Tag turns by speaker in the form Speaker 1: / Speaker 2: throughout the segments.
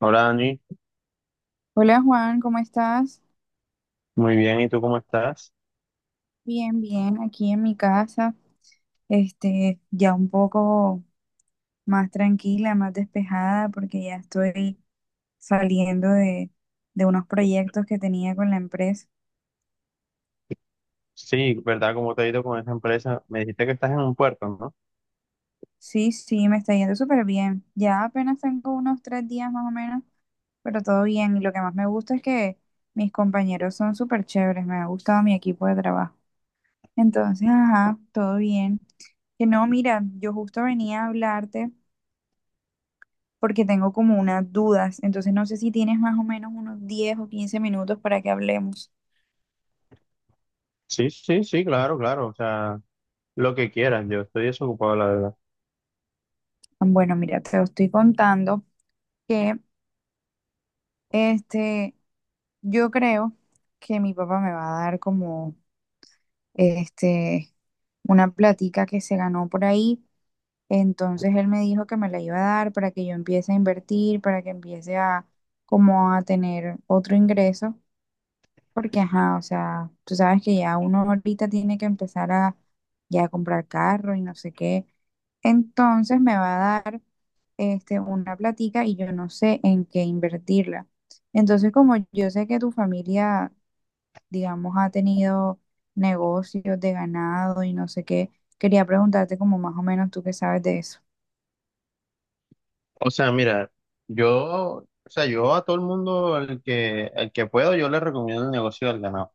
Speaker 1: Hola Dani,
Speaker 2: Hola Juan, ¿cómo estás?
Speaker 1: muy bien, ¿y tú cómo estás?
Speaker 2: Bien, bien, aquí en mi casa, ya un poco más tranquila, más despejada, porque ya estoy saliendo de unos proyectos que tenía con la empresa.
Speaker 1: Sí, ¿verdad? ¿Cómo te ha ido con esa empresa? Me dijiste que estás en un puerto, ¿no?
Speaker 2: Sí, sí, me está yendo súper bien. Ya apenas tengo unos 3 días más o menos, pero todo bien. Y lo que más me gusta es que mis compañeros son súper chéveres, me ha gustado mi equipo de trabajo. Entonces, ajá, todo bien. Que no, mira, yo justo venía a hablarte porque tengo como unas dudas. Entonces no sé si tienes más o menos unos 10 o 15 minutos para que hablemos.
Speaker 1: Sí, sí, sí, claro, claro, o sea, lo que quieras, yo estoy desocupado, la verdad.
Speaker 2: Ah, bueno, mira, te lo estoy contando que este, yo creo que mi papá me va a dar como este, una platica que se ganó por ahí. Entonces él me dijo que me la iba a dar para que yo empiece a invertir, para que empiece a como a tener otro ingreso. Porque, ajá, o sea, tú sabes que ya uno ahorita tiene que empezar a ya comprar carro y no sé qué. Entonces me va a dar una platica y yo no sé en qué invertirla. Entonces, como yo sé que tu familia, digamos, ha tenido negocios de ganado y no sé qué, quería preguntarte como más o menos tú qué sabes de eso.
Speaker 1: O sea, mira, yo, o sea, yo a todo el mundo, el que puedo, yo le recomiendo el negocio del ganado,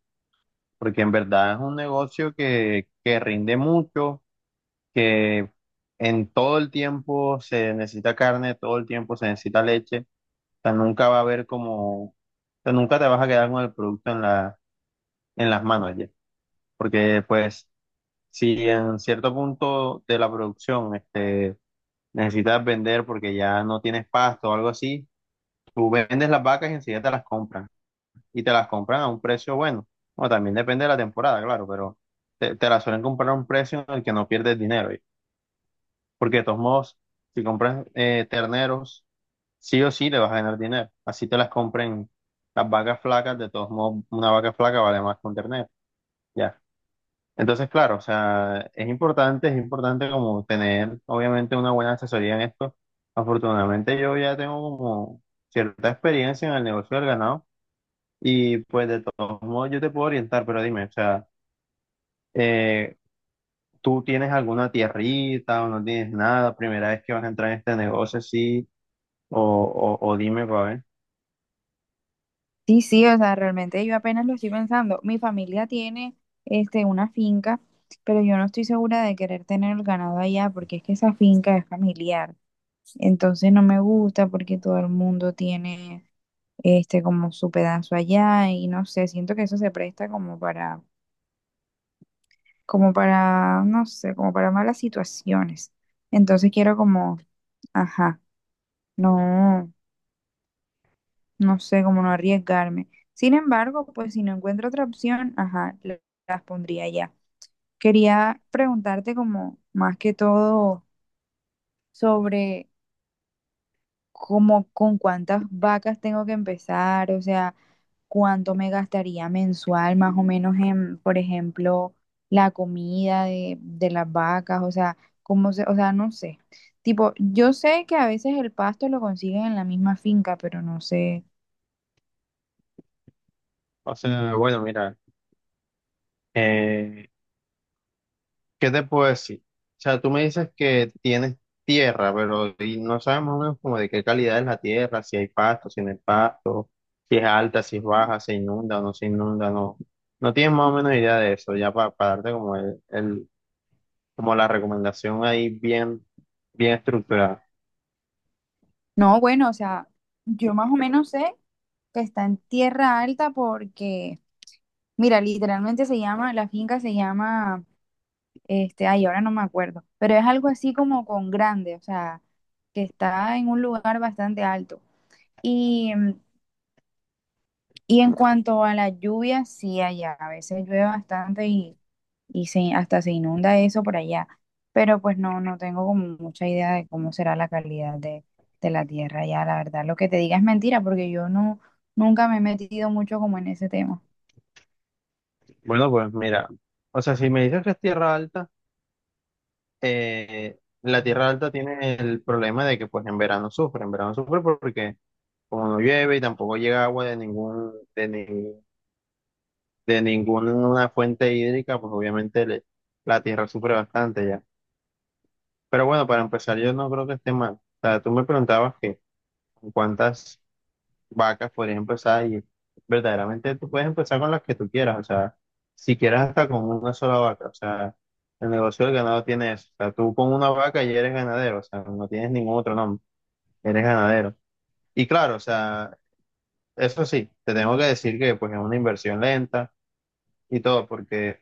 Speaker 1: porque en verdad es un negocio que rinde mucho, que en todo el tiempo se necesita carne, todo el tiempo se necesita leche. Nunca va a haber como, o sea, nunca te vas a quedar con el producto en las manos ya. Porque pues, si en cierto punto de la producción necesitas vender porque ya no tienes pasto o algo así, tú vendes las vacas y enseguida te las compran. Y te las compran a un precio bueno. O también depende de la temporada, claro, pero te las suelen comprar a un precio en el que no pierdes dinero, ya. Porque de todos modos, si compras terneros, sí o sí le vas a ganar dinero. Así te las compren las vacas flacas, de todos modos, una vaca flaca vale más que un ternero. Ya. Entonces, claro, o sea, es importante como tener, obviamente, una buena asesoría en esto. Afortunadamente, yo ya tengo como cierta experiencia en el negocio del ganado y pues de todos modos yo te puedo orientar, pero dime, o sea, eh, ¿tú tienes alguna tierrita o no tienes nada? ¿Primera vez que vas a entrar en este negocio, sí? O dime para ver.
Speaker 2: Sí, sí, o sea, realmente yo apenas lo estoy pensando. Mi familia tiene una finca, pero yo no estoy segura de querer tener el ganado allá porque es que esa finca es familiar. Entonces no me gusta porque todo el mundo tiene como su pedazo allá y no sé, siento que eso se presta como para como para no sé, como para malas situaciones. Entonces quiero como, ajá, no. No sé cómo no arriesgarme. Sin embargo, pues si no encuentro otra opción, ajá, las pondría ya. Quería preguntarte como más que todo sobre cómo con cuántas vacas tengo que empezar, o sea, cuánto me gastaría mensual más o menos en, por ejemplo, la comida de las vacas, o sea, cómo se, o sea, no sé. Tipo, yo sé que a veces el pasto lo consiguen en la misma finca, pero no sé.
Speaker 1: O sea, bueno, mira. Eh, ¿Qué te puedo decir? O sea, tú me dices que tienes tierra, pero y no sabes más o menos como de qué calidad es la tierra, si hay pasto, si no hay pasto, si es alta, si es baja, se inunda o no se inunda, no. No tienes más o menos idea de eso, ya para darte como como la recomendación ahí bien, bien estructurada.
Speaker 2: No, bueno, o sea, yo más o menos sé que está en tierra alta porque, mira, literalmente se llama, la finca se llama, ay, ahora no me acuerdo, pero es algo así como con grande, o sea, que está en un lugar bastante alto. Y, y en cuanto a la lluvia, sí, allá a veces llueve bastante y se, hasta se inunda eso por allá. Pero pues no, no tengo como mucha idea de cómo será la calidad de la tierra allá. La verdad, lo que te diga es mentira porque yo no, nunca me he metido mucho como en ese tema.
Speaker 1: Bueno, pues mira, o sea, si me dices que es tierra alta, la tierra alta tiene el problema de que pues en verano sufre porque como no llueve y tampoco llega agua de ningún, de ni- de ninguna fuente hídrica, pues obviamente la tierra sufre bastante ya. Pero bueno, para empezar, yo no creo que esté mal. O sea, tú me preguntabas que con cuántas vacas podrías empezar y verdaderamente tú puedes empezar con las que tú quieras, o sea, si quieres hasta con una sola vaca, o sea, el negocio del ganado tiene eso. O sea, tú con una vaca ya eres ganadero, o sea, no tienes ningún otro nombre, eres ganadero. Y claro, o sea, eso sí, te tengo que decir que pues es una inversión lenta y todo, porque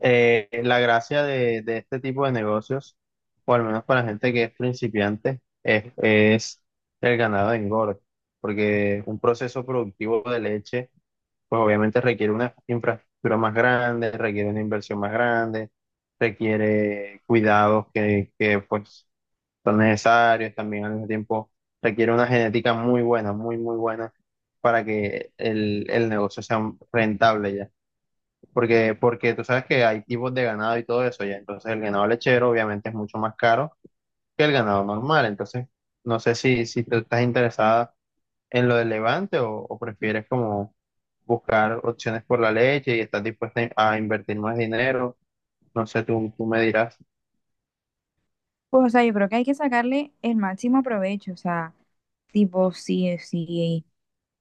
Speaker 1: la gracia de este tipo de negocios, o al menos para la gente que es principiante, es el ganado de engorde, porque un proceso productivo de leche, pues obviamente requiere una infraestructura más grande, requiere una inversión más grande, requiere cuidados que pues son necesarios, también al mismo tiempo requiere una genética muy buena, muy, muy buena para que el negocio sea rentable ya. Porque tú sabes que hay tipos de ganado y todo eso ya, entonces el ganado lechero obviamente es mucho más caro que el ganado normal, entonces no sé si tú estás interesada en lo del Levante o prefieres como buscar opciones por la leche y estás dispuesta a invertir más dinero, no sé, tú me dirás.
Speaker 2: Pues, o sea, yo creo que hay que sacarle el máximo provecho, o sea, tipo, sí, sí,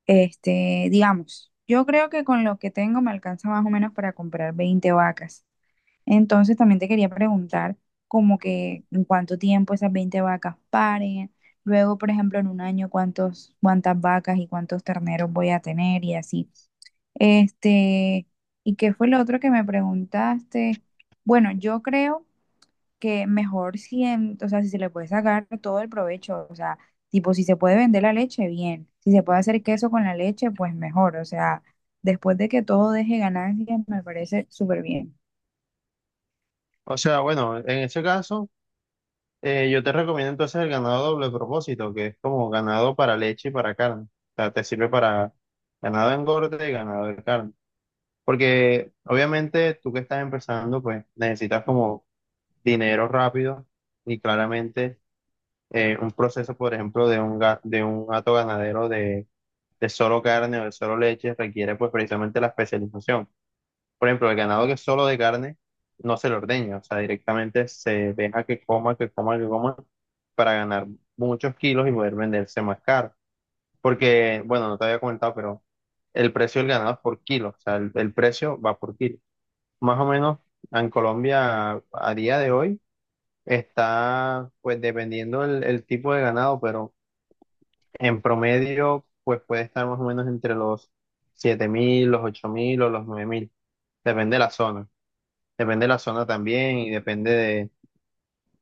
Speaker 2: digamos, yo creo que con lo que tengo me alcanza más o menos para comprar 20 vacas. Entonces también te quería preguntar como que en cuánto tiempo esas 20 vacas paren, luego, por ejemplo, en un año cuántos, cuántas vacas y cuántos terneros voy a tener y así. Este, ¿y qué fue lo otro que me preguntaste? Bueno, yo creo que mejor si, o sea, si se le puede sacar todo el provecho, o sea, tipo, si se puede vender la leche, bien, si se puede hacer queso con la leche, pues mejor, o sea, después de que todo deje ganancias, me parece súper bien.
Speaker 1: O sea, bueno, en ese caso. Yo te recomiendo entonces el ganado doble propósito, que es como ganado para leche y para carne. O sea, te sirve para ganado de engorde y ganado de carne. Porque obviamente tú que estás empezando, pues necesitas como dinero rápido y claramente un proceso, por ejemplo, de un hato ganadero de solo carne o de solo leche requiere pues precisamente la especialización. Por ejemplo, el ganado que es solo de carne no se le ordeña, o sea, directamente se deja que coma, que coma, que coma para ganar muchos kilos y poder venderse más caro. Porque, bueno, no te había comentado, pero el precio del ganado es por kilo, o sea, el precio va por kilo. Más o menos en Colombia a día de hoy está, pues dependiendo el tipo de ganado, pero en promedio, pues puede estar más o menos entre los 7.000, los 8.000 o los 9.000, depende de la zona. Depende de la zona también y depende de,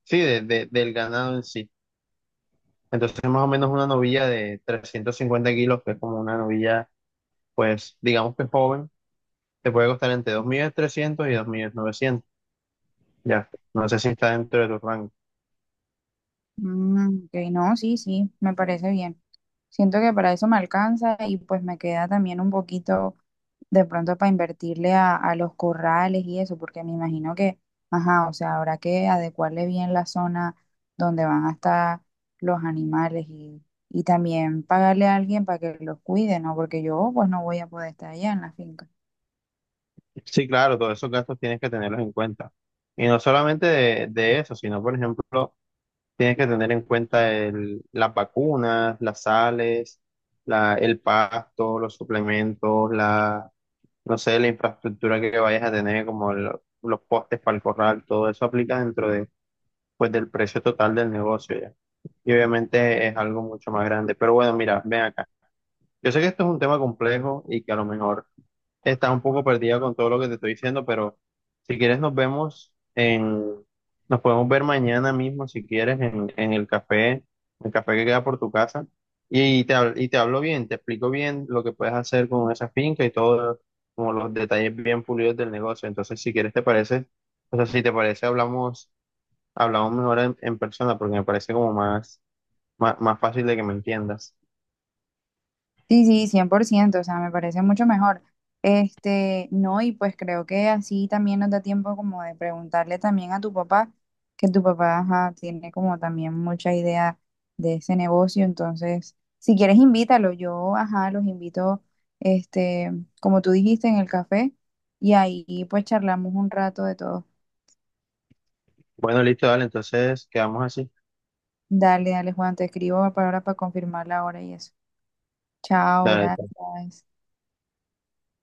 Speaker 1: sí, del ganado en sí. Entonces, más o menos una novilla de 350 kilos, que es como una novilla, pues, digamos que joven, te puede costar entre 2.300.000 y 2.900.000. Ya, no sé si está dentro de tu rango.
Speaker 2: Mm, ok, no, sí, sí, me parece bien. Siento que para eso me alcanza y pues me queda también un poquito de pronto para invertirle a los corrales y eso, porque me imagino que, ajá, o sea, habrá que adecuarle bien la zona donde van a estar los animales y también pagarle a alguien para que los cuide, ¿no? Porque yo pues no voy a poder estar allá en la finca.
Speaker 1: Sí, claro, todos esos gastos tienes que tenerlos en cuenta. Y no solamente de eso, sino, por ejemplo, tienes que tener en cuenta las vacunas, las sales, el pasto, los suplementos, la, no sé, la infraestructura que vayas a tener, como los postes para el corral, todo eso aplica dentro de, pues, del precio total del negocio ya. Y obviamente es algo mucho más grande. Pero bueno, mira, ven acá. Yo sé que esto es un tema complejo y que a lo mejor estás un poco perdida con todo lo que te estoy diciendo, pero si quieres nos vemos en, nos podemos ver mañana mismo si quieres en, el café que queda por tu casa y, y te hablo bien, te explico bien lo que puedes hacer con esa finca y todo, como los detalles bien pulidos del negocio. Entonces, si quieres te parece, o sea, si te parece hablamos, mejor en persona porque me parece como más, más, más fácil de que me entiendas.
Speaker 2: Sí, sí, 100%, o sea, me parece mucho mejor. No, y pues creo que así también nos da tiempo como de preguntarle también a tu papá, que tu papá, ajá, tiene como también mucha idea de ese negocio, entonces, si quieres invítalo, yo, ajá, los invito, este, como tú dijiste, en el café, y ahí pues charlamos un rato de todo.
Speaker 1: Bueno, listo, dale, entonces quedamos así.
Speaker 2: Dale, dale, Juan, te escribo para ahora para confirmar la hora y eso. Chao,
Speaker 1: Dale.
Speaker 2: gracias.